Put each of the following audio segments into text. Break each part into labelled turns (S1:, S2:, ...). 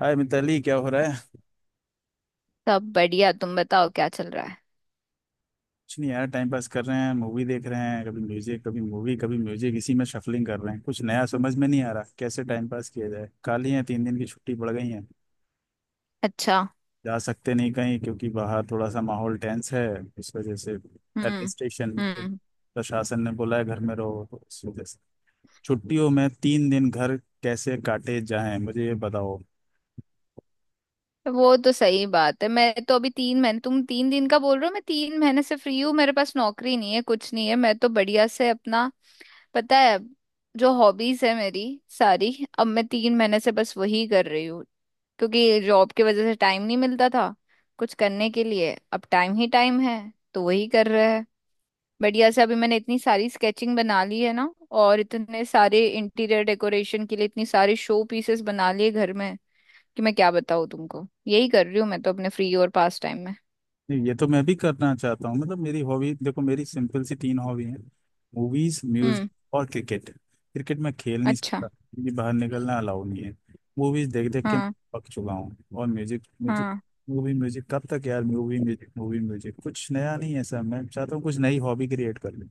S1: हाय मिताली, क्या हो रहा है।
S2: सब बढ़िया। तुम बताओ क्या चल रहा है।
S1: कुछ नहीं यार, टाइम पास कर रहे हैं, मूवी देख रहे हैं, कभी म्यूजिक कभी मूवी कभी म्यूजिक, इसी में शफलिंग कर रहे हैं। कुछ नया समझ में नहीं आ रहा कैसे टाइम पास किया जाए। खाली है, तीन दिन की छुट्टी पड़ गई है।
S2: अच्छा।
S1: जा सकते नहीं कहीं क्योंकि बाहर थोड़ा सा माहौल टेंस है। इस वजह से
S2: हम्म।
S1: एडमिनिस्ट्रेशन,
S2: हम्म।
S1: प्रशासन ने बोला है घर में रहो, तो इस वजह से छुट्टियों में तीन दिन घर कैसे काटे जाएं, मुझे ये बताओ।
S2: वो तो सही बात है। मैं तो अभी 3 महीने, तुम 3 दिन का बोल रहे हो। मैं 3 महीने से फ्री हूँ। मेरे पास नौकरी नहीं है, कुछ नहीं है। मैं तो बढ़िया से अपना, पता है, जो हॉबीज है मेरी सारी, अब मैं 3 महीने से बस वही कर रही हूँ। क्योंकि जॉब की वजह से टाइम नहीं मिलता था कुछ करने के लिए। अब टाइम ही टाइम है तो वही कर रहे हैं। बढ़िया से अभी मैंने इतनी सारी स्केचिंग बना ली है ना, और इतने सारे इंटीरियर डेकोरेशन के लिए इतनी सारे शो पीसेस बना लिए घर में कि मैं क्या बताऊँ तुमको। यही कर रही हूँ मैं तो अपने फ्री और पास टाइम में।
S1: नहीं, ये तो मैं भी करना चाहता हूँ। मतलब मेरी हॉबी देखो, मेरी सिंपल सी तीन हॉबी है। Movies, music
S2: hmm.
S1: और क्रिकेट। क्रिकेट मैं खेल नहीं
S2: अच्छा।
S1: सकता क्योंकि बाहर निकलना अलाउ नहीं है। मूवीज देख देख के
S2: हाँ
S1: पक चुका हूँ। और म्यूजिक, म्यूजिक,
S2: हाँ।
S1: मूवी म्यूजिक कब तक यार। मूवी म्यूजिक कुछ नया नहीं है सर। मैं चाहता हूँ कुछ नई हॉबी क्रिएट कर लूँ,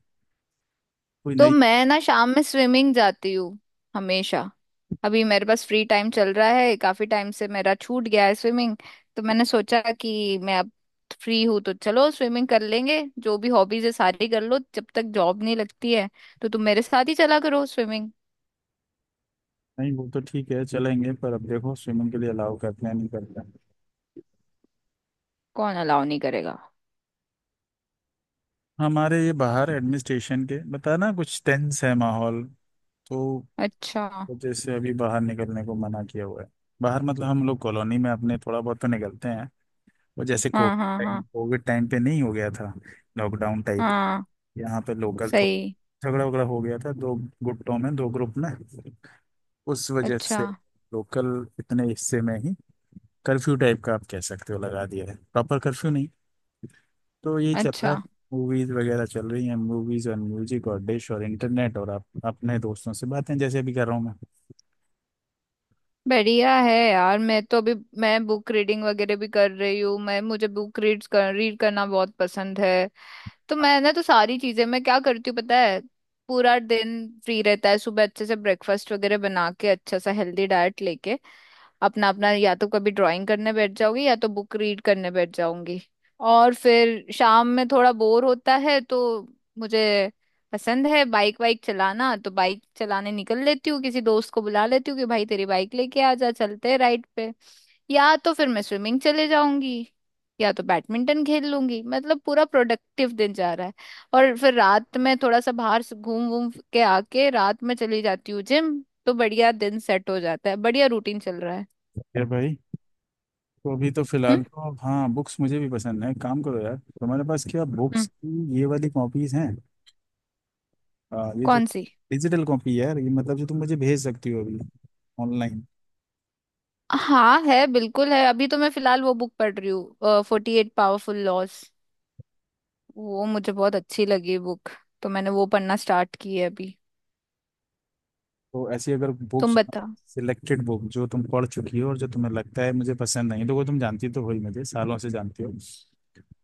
S1: कोई
S2: तो
S1: नई।
S2: मैं ना शाम में स्विमिंग जाती हूँ हमेशा। अभी मेरे पास फ्री टाइम चल रहा है, काफी टाइम से मेरा छूट गया है स्विमिंग। तो मैंने सोचा कि मैं अब फ्री हूं तो चलो स्विमिंग कर लेंगे। जो भी हॉबीज है सारी कर लो जब तक जॉब नहीं लगती है। तो तुम मेरे साथ ही चला करो स्विमिंग।
S1: नहीं वो तो ठीक है, चलेंगे, पर अब देखो स्विमिंग के लिए अलाउ करते हैं नहीं करते हैं।
S2: कौन अलाउ नहीं करेगा।
S1: हमारे ये बाहर एडमिनिस्ट्रेशन के, बता ना, कुछ टेंस है माहौल। तो
S2: अच्छा।
S1: जैसे अभी बाहर निकलने को मना किया हुआ है। बाहर मतलब हम लोग कॉलोनी में अपने थोड़ा बहुत तो निकलते हैं। वो जैसे कोविड
S2: हाँ हाँ
S1: टाइम,
S2: हाँ।
S1: कोविड टाइम पे नहीं हो गया था लॉकडाउन टाइप,
S2: हाँ
S1: यहाँ पे लोकल
S2: सही।
S1: थोड़ा झगड़ा वगड़ा हो गया था, दो गुटों में, दो ग्रुप में, उस वजह
S2: अच्छा।
S1: से लोकल इतने हिस्से में ही कर्फ्यू टाइप का आप कह सकते हो लगा दिया है, प्रॉपर कर्फ्यू नहीं। तो यही चल रहा है,
S2: अच्छा।
S1: मूवीज वगैरह चल रही हैं, मूवीज और म्यूजिक और डिश और इंटरनेट और आप अपने दोस्तों से बातें, जैसे अभी कर रहा हूँ मैं।
S2: बढ़िया है यार, मैं तो अभी, मैं बुक रीडिंग वगैरह भी कर रही हूँ। मैं मुझे बुक रीड करना बहुत पसंद है। तो मैंने तो सारी चीजें, मैं क्या करती हूँ पता है। पूरा दिन फ्री रहता है। सुबह अच्छे से ब्रेकफास्ट वगैरह बना के अच्छा सा हेल्दी डाइट लेके अपना अपना, या तो कभी ड्राइंग करने बैठ जाऊंगी या तो बुक रीड करने बैठ जाऊंगी। और फिर शाम में थोड़ा बोर होता है तो मुझे पसंद है बाइक वाइक चलाना। तो बाइक चलाने निकल लेती हूँ, किसी दोस्त को बुला लेती हूँ कि भाई तेरी बाइक लेके आ जा, चलते हैं राइड पे। या तो फिर मैं स्विमिंग चले जाऊंगी, या तो बैडमिंटन खेल लूंगी। मतलब पूरा प्रोडक्टिव दिन जा रहा है। और फिर रात में थोड़ा सा बाहर से घूम घूम के आके रात में चली जाती हूँ जिम। तो बढ़िया दिन सेट हो जाता है, बढ़िया रूटीन चल रहा है।
S1: फिर भाई, तो अभी तो
S2: हम्म।
S1: फिलहाल तो, हाँ, बुक्स मुझे भी पसंद है। काम करो यार, तुम्हारे पास क्या बुक्स
S2: हम्म।
S1: की ये वाली कॉपीज हैं, ये जो
S2: कौन सी।
S1: डिजिटल कॉपी है यार, ये मतलब जो तुम मुझे भेज सकती हो अभी ऑनलाइन।
S2: हाँ है, बिल्कुल है। अभी तो मैं फिलहाल वो बुक पढ़ रही हूँ, 48 पावरफुल लॉज। वो मुझे बहुत अच्छी लगी बुक। तो मैंने वो पढ़ना स्टार्ट की है अभी।
S1: तो ऐसी अगर
S2: तुम
S1: बुक्स,
S2: बताओ।
S1: सिलेक्टेड बुक जो तुम पढ़ चुकी हो और जो तुम्हें लगता है मुझे पसंद, नहीं देखो तुम जानती तो हो ही, मुझे सालों से जानती हो,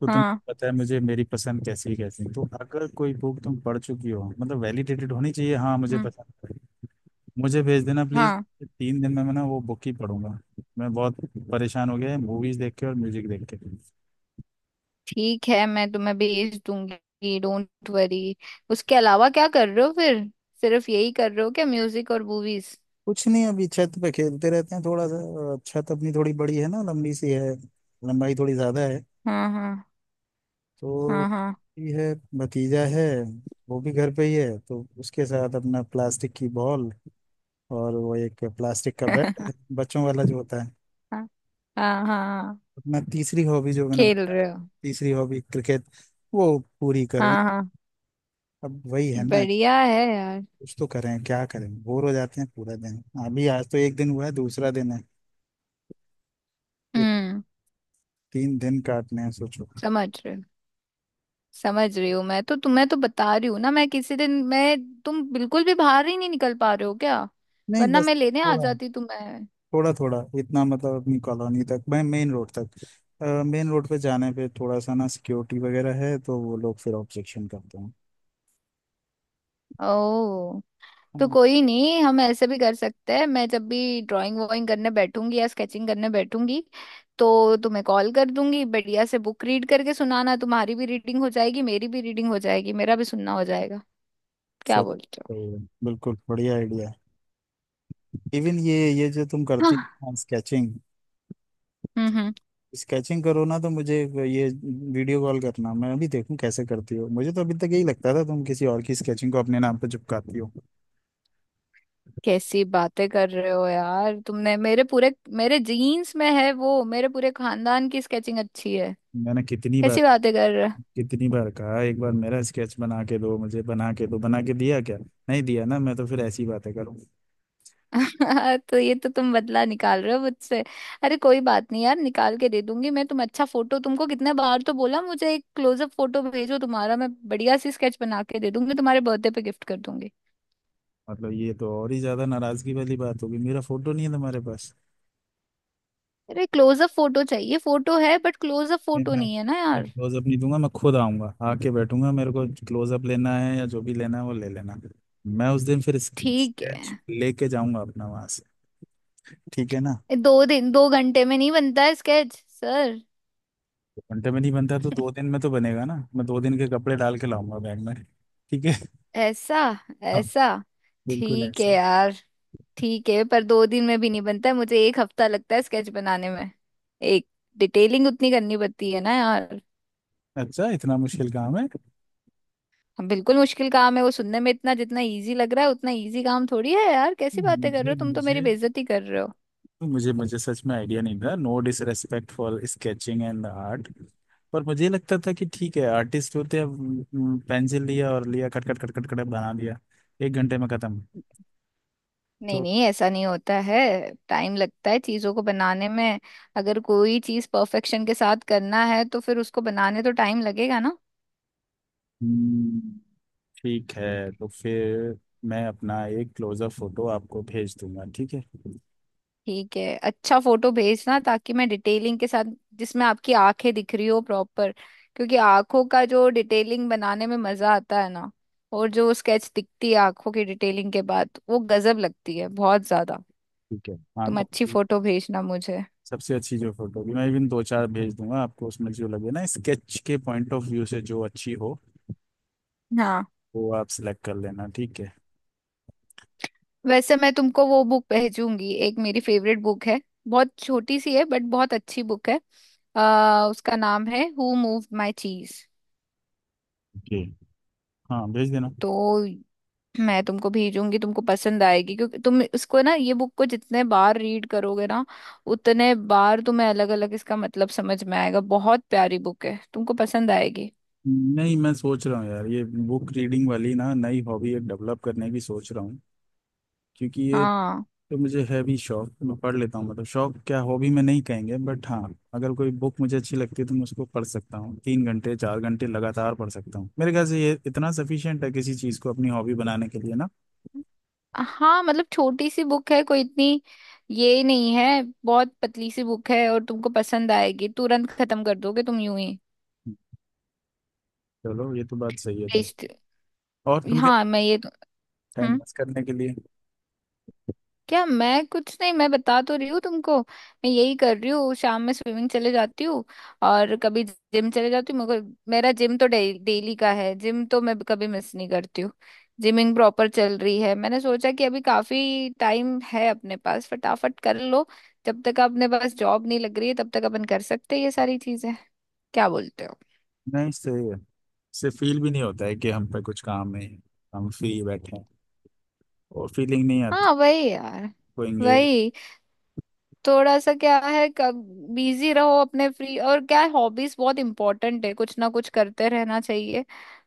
S1: तो तुम
S2: हाँ।
S1: पता है मुझे, मेरी पसंद कैसी है कैसी नहीं। तो अगर कोई बुक तुम पढ़ चुकी हो मतलब वैलिडेटेड होनी चाहिए, हाँ मुझे
S2: हम्म।
S1: पसंद है, मुझे भेज देना प्लीज।
S2: हाँ।
S1: तीन दिन में मैं ना वो बुक ही पढ़ूंगा। मैं बहुत परेशान हो गया है मूवीज देख के और म्यूजिक देख के।
S2: ठीक है, मैं तुम्हें भेज दूंगी, डोंट वरी। उसके अलावा क्या कर रहे हो फिर। सिर्फ यही कर रहे हो क्या, म्यूजिक और मूवीज।
S1: कुछ नहीं, अभी छत पे खेलते रहते हैं थोड़ा सा, और छत अपनी थोड़ी बड़ी है ना, लंबी सी है, लंबाई थोड़ी ज्यादा है।
S2: हाँ हाँ हाँ
S1: तो
S2: हाँ।
S1: ये है भतीजा है, वो भी घर पे ही है, तो उसके साथ अपना प्लास्टिक की बॉल और वो एक प्लास्टिक का बैट है, बच्चों वाला जो होता है।
S2: हाँ हाँ। हाँ
S1: अपना तीसरी हॉबी जो मैंने
S2: खेल
S1: बताया,
S2: रहे हो।
S1: तीसरी हॉबी क्रिकेट, वो पूरी कर रहे हैं।
S2: हाँ हाँ।
S1: अब वही है ना,
S2: बढ़िया है यार।
S1: कुछ तो करें, क्या करें, बोर हो जाते हैं पूरा दिन। अभी आज तो एक दिन हुआ है, दूसरा दिन है ये,
S2: हम्म।
S1: तीन दिन काटने हैं सोचो।
S2: समझ रहे हो। समझ रही हूँ। मैं तो तुम्हें तो बता रही हूँ ना। मैं किसी दिन मैं, तुम बिल्कुल भी बाहर ही नहीं निकल पा रहे हो क्या।
S1: नहीं
S2: वरना
S1: बस
S2: मैं लेने आ
S1: थोड़ा
S2: जाती तुम्हें।
S1: थोड़ा थोड़ा इतना, मतलब अपनी कॉलोनी तक, मैं मेन रोड तक, मेन रोड पे जाने पे थोड़ा सा ना सिक्योरिटी वगैरह है तो वो लोग फिर ऑब्जेक्शन करते हैं।
S2: ओ। तो
S1: हाँ,
S2: कोई नहीं, हम ऐसे भी कर सकते हैं। मैं जब भी ड्राइंग वॉइंग करने बैठूंगी या स्केचिंग करने बैठूंगी तो तुम्हें कॉल कर दूंगी। बढ़िया से बुक रीड करके सुनाना, तुम्हारी भी रीडिंग हो जाएगी, मेरी भी रीडिंग हो जाएगी, मेरा भी सुनना हो जाएगा। क्या
S1: सब
S2: बोलते हो।
S1: तो बिल्कुल बढ़िया आइडिया है। इवन ये जो तुम करती
S2: हाँ।
S1: हो स्केचिंग,
S2: हम्म। हम्म।
S1: स्केचिंग करो ना तो मुझे ये वीडियो कॉल करना, मैं भी देखूं कैसे करती हो। मुझे तो अभी तक यही लगता था तुम किसी और की स्केचिंग को अपने नाम पर चिपकाती हो।
S2: कैसी बातें कर रहे हो यार। तुमने मेरे पूरे, मेरे जीन्स में है वो, मेरे पूरे खानदान की स्केचिंग अच्छी है।
S1: मैंने कितनी बार,
S2: कैसी बातें कर रहे हो।
S1: कितनी बार कहा एक बार मेरा स्केच बना के दो, मुझे बना के दो, बना के दिया क्या, नहीं दिया ना, मैं तो फिर ऐसी बातें करूँ।
S2: तो ये तो तुम बदला निकाल रहे हो मुझसे। अरे कोई बात नहीं यार, निकाल के दे दूंगी मैं। तुम अच्छा फोटो, तुमको कितने बार तो बोला मुझे एक क्लोजअप फोटो भेजो तुम्हारा। मैं बढ़िया सी स्केच बना के दे दूंगी, तुम्हारे बर्थडे पे गिफ्ट कर दूंगी।
S1: मतलब ये तो और ही ज्यादा नाराजगी वाली बात होगी, मेरा फोटो नहीं है तुम्हारे पास।
S2: अरे क्लोजअप फोटो चाहिए, फोटो है बट क्लोजअप
S1: नहीं,
S2: फोटो नहीं है ना
S1: मैं
S2: यार।
S1: क्लोजअप नहीं दूंगा, मैं खुद आऊंगा, आके बैठूंगा, मेरे को क्लोजअप लेना है या जो भी लेना है वो ले लेना। मैं उस दिन फिर
S2: ठीक
S1: स्केच
S2: है।
S1: लेके जाऊंगा अपना वहां से, ठीक है ना।
S2: ये दो दिन, 2 घंटे में नहीं बनता है स्केच सर।
S1: दो घंटे में नहीं बनता तो दो दिन में तो बनेगा ना, मैं दो दिन के कपड़े डाल के लाऊंगा बैग में। ठीक है,
S2: ऐसा
S1: हाँ,
S2: ऐसा।
S1: बिल्कुल
S2: ठीक है
S1: ऐसा।
S2: यार। ठीक है, पर 2 दिन में भी नहीं बनता है, मुझे एक हफ्ता लगता है स्केच बनाने में। एक डिटेलिंग उतनी करनी पड़ती है ना यार।
S1: अच्छा, इतना मुश्किल काम है।
S2: हम बिल्कुल मुश्किल काम है। वो सुनने में इतना जितना इजी लग रहा है, उतना इजी काम थोड़ी है यार। कैसी बातें कर रहे
S1: मुझे
S2: हो, तुम तो मेरी
S1: मुझे
S2: बेइज्जती कर रहे हो।
S1: मुझे मुझे सच में आइडिया नहीं था, no disrespect for sketching and art, पर मुझे लगता था कि ठीक है आर्टिस्ट होते हैं, पेंसिल लिया और लिया cut cut cut cut cut बना दिया, एक घंटे में खत्म।
S2: नहीं
S1: तो
S2: नहीं, ऐसा नहीं होता है। टाइम लगता है चीज़ों को बनाने में। अगर कोई चीज़ परफेक्शन के साथ करना है तो फिर उसको बनाने तो टाइम लगेगा ना।
S1: हम्म, ठीक है तो फिर मैं अपना एक क्लोजअप फोटो आपको भेज दूंगा, ठीक है।
S2: ठीक है। अच्छा फोटो भेजना ताकि मैं डिटेलिंग के साथ, जिसमें आपकी आंखें दिख रही हो प्रॉपर। क्योंकि आंखों का जो डिटेलिंग बनाने में मजा आता है ना, और जो स्केच दिखती है आंखों की डिटेलिंग के बाद वो गजब लगती है बहुत ज्यादा।
S1: ठीक है, हाँ,
S2: तुम अच्छी फोटो भेजना मुझे।
S1: सबसे अच्छी जो फोटो होगी मैं इवन दो चार भेज दूंगा आपको, उसमें जो लगे ना स्केच के पॉइंट ऑफ व्यू से जो अच्छी हो
S2: हाँ।
S1: वो आप सिलेक्ट कर लेना, ठीक है।
S2: वैसे मैं तुमको वो बुक भेजूंगी, एक मेरी फेवरेट बुक है। बहुत छोटी सी है बट बहुत अच्छी बुक है। उसका नाम है हु मूव्ड माई चीज।
S1: जी, हाँ, भेज देना।
S2: तो मैं तुमको भेजूंगी, तुमको पसंद आएगी। क्योंकि तुम इसको ना, ये बुक को जितने बार रीड करोगे ना उतने बार तुम्हें अलग अलग इसका मतलब समझ में आएगा। बहुत प्यारी बुक है, तुमको पसंद आएगी।
S1: नहीं मैं सोच रहा हूँ यार ये बुक रीडिंग वाली ना, नई हॉबी एक डेवलप करने की सोच रहा हूँ, क्योंकि ये
S2: हाँ।
S1: तो मुझे है भी शौक, मैं पढ़ लेता हूँ। मतलब शौक, क्या हॉबी में नहीं कहेंगे, बट हाँ अगर कोई बुक मुझे अच्छी लगती है तो मैं उसको पढ़ सकता हूँ, तीन घंटे चार घंटे लगातार पढ़ सकता हूँ। मेरे ख्याल से ये इतना सफिशियंट है किसी चीज़ को अपनी हॉबी बनाने के लिए ना।
S2: हाँ मतलब छोटी सी बुक है कोई इतनी, ये नहीं है। बहुत पतली सी बुक है और तुमको पसंद आएगी, तुरंत खत्म कर दोगे तुम यूं ही।
S1: चलो ये तो बात सही है, तुम
S2: बेस्ट।
S1: और तुम
S2: हाँ मैं ये तो।
S1: टाइम
S2: हम्म।
S1: पास करने के लिए।
S2: क्या मैं, कुछ नहीं मैं बता तो रही हूँ तुमको, मैं यही कर रही हूँ। शाम में स्विमिंग चले जाती हूँ, और कभी जिम चले जाती हूँ। मेरे को मेरा जिम तो डेली का है, जिम तो मैं कभी मिस नहीं करती हूँ। जिमिंग प्रॉपर चल रही है। मैंने सोचा कि अभी काफी टाइम है अपने पास, फटाफट कर लो। जब तक अपने पास जॉब नहीं लग रही है तब तक अपन कर सकते हैं ये सारी चीजें। क्या बोलते हो।
S1: नहीं सही है, इससे फील भी नहीं होता है कि हम पे कुछ काम नहीं है, हम फ्री बैठे हैं, और फीलिंग नहीं आती
S2: हाँ वही यार।
S1: को engage-,
S2: वही, थोड़ा सा क्या है, कब बिजी रहो अपने फ्री और क्या है। हॉबीज बहुत इंपॉर्टेंट है, कुछ ना कुछ करते रहना चाहिए,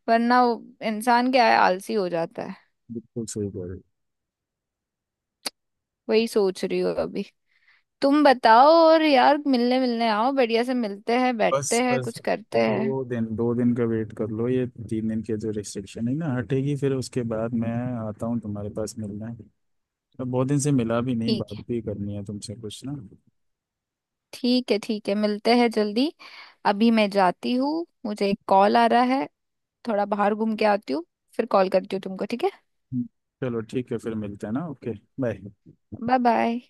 S2: वरना इंसान क्या है आलसी हो जाता है।
S1: बिल्कुल सही कह रहे हो।
S2: वही सोच रही हूँ अभी। तुम बताओ। और यार मिलने मिलने आओ, बढ़िया से मिलते हैं,
S1: बस
S2: बैठते हैं,
S1: बस,
S2: कुछ करते
S1: दो
S2: हैं।
S1: दिन दो दिन का वेट कर लो, ये तीन दिन की जो रिस्ट्रिक्शन है ना हटेगी, फिर उसके बाद मैं आता हूँ तुम्हारे पास, मिलना है। मैं बहुत दिन से मिला भी नहीं,
S2: ठीक
S1: बात
S2: है।
S1: भी करनी है तुमसे कुछ ना।
S2: ठीक है ठीक है, मिलते हैं जल्दी। अभी मैं जाती हूँ, मुझे एक कॉल आ रहा है। थोड़ा बाहर घूम के आती हूँ, फिर कॉल करती हूँ तुमको। ठीक है।
S1: चलो ठीक है, फिर मिलते हैं ना, ओके, बाय।
S2: Bye bye.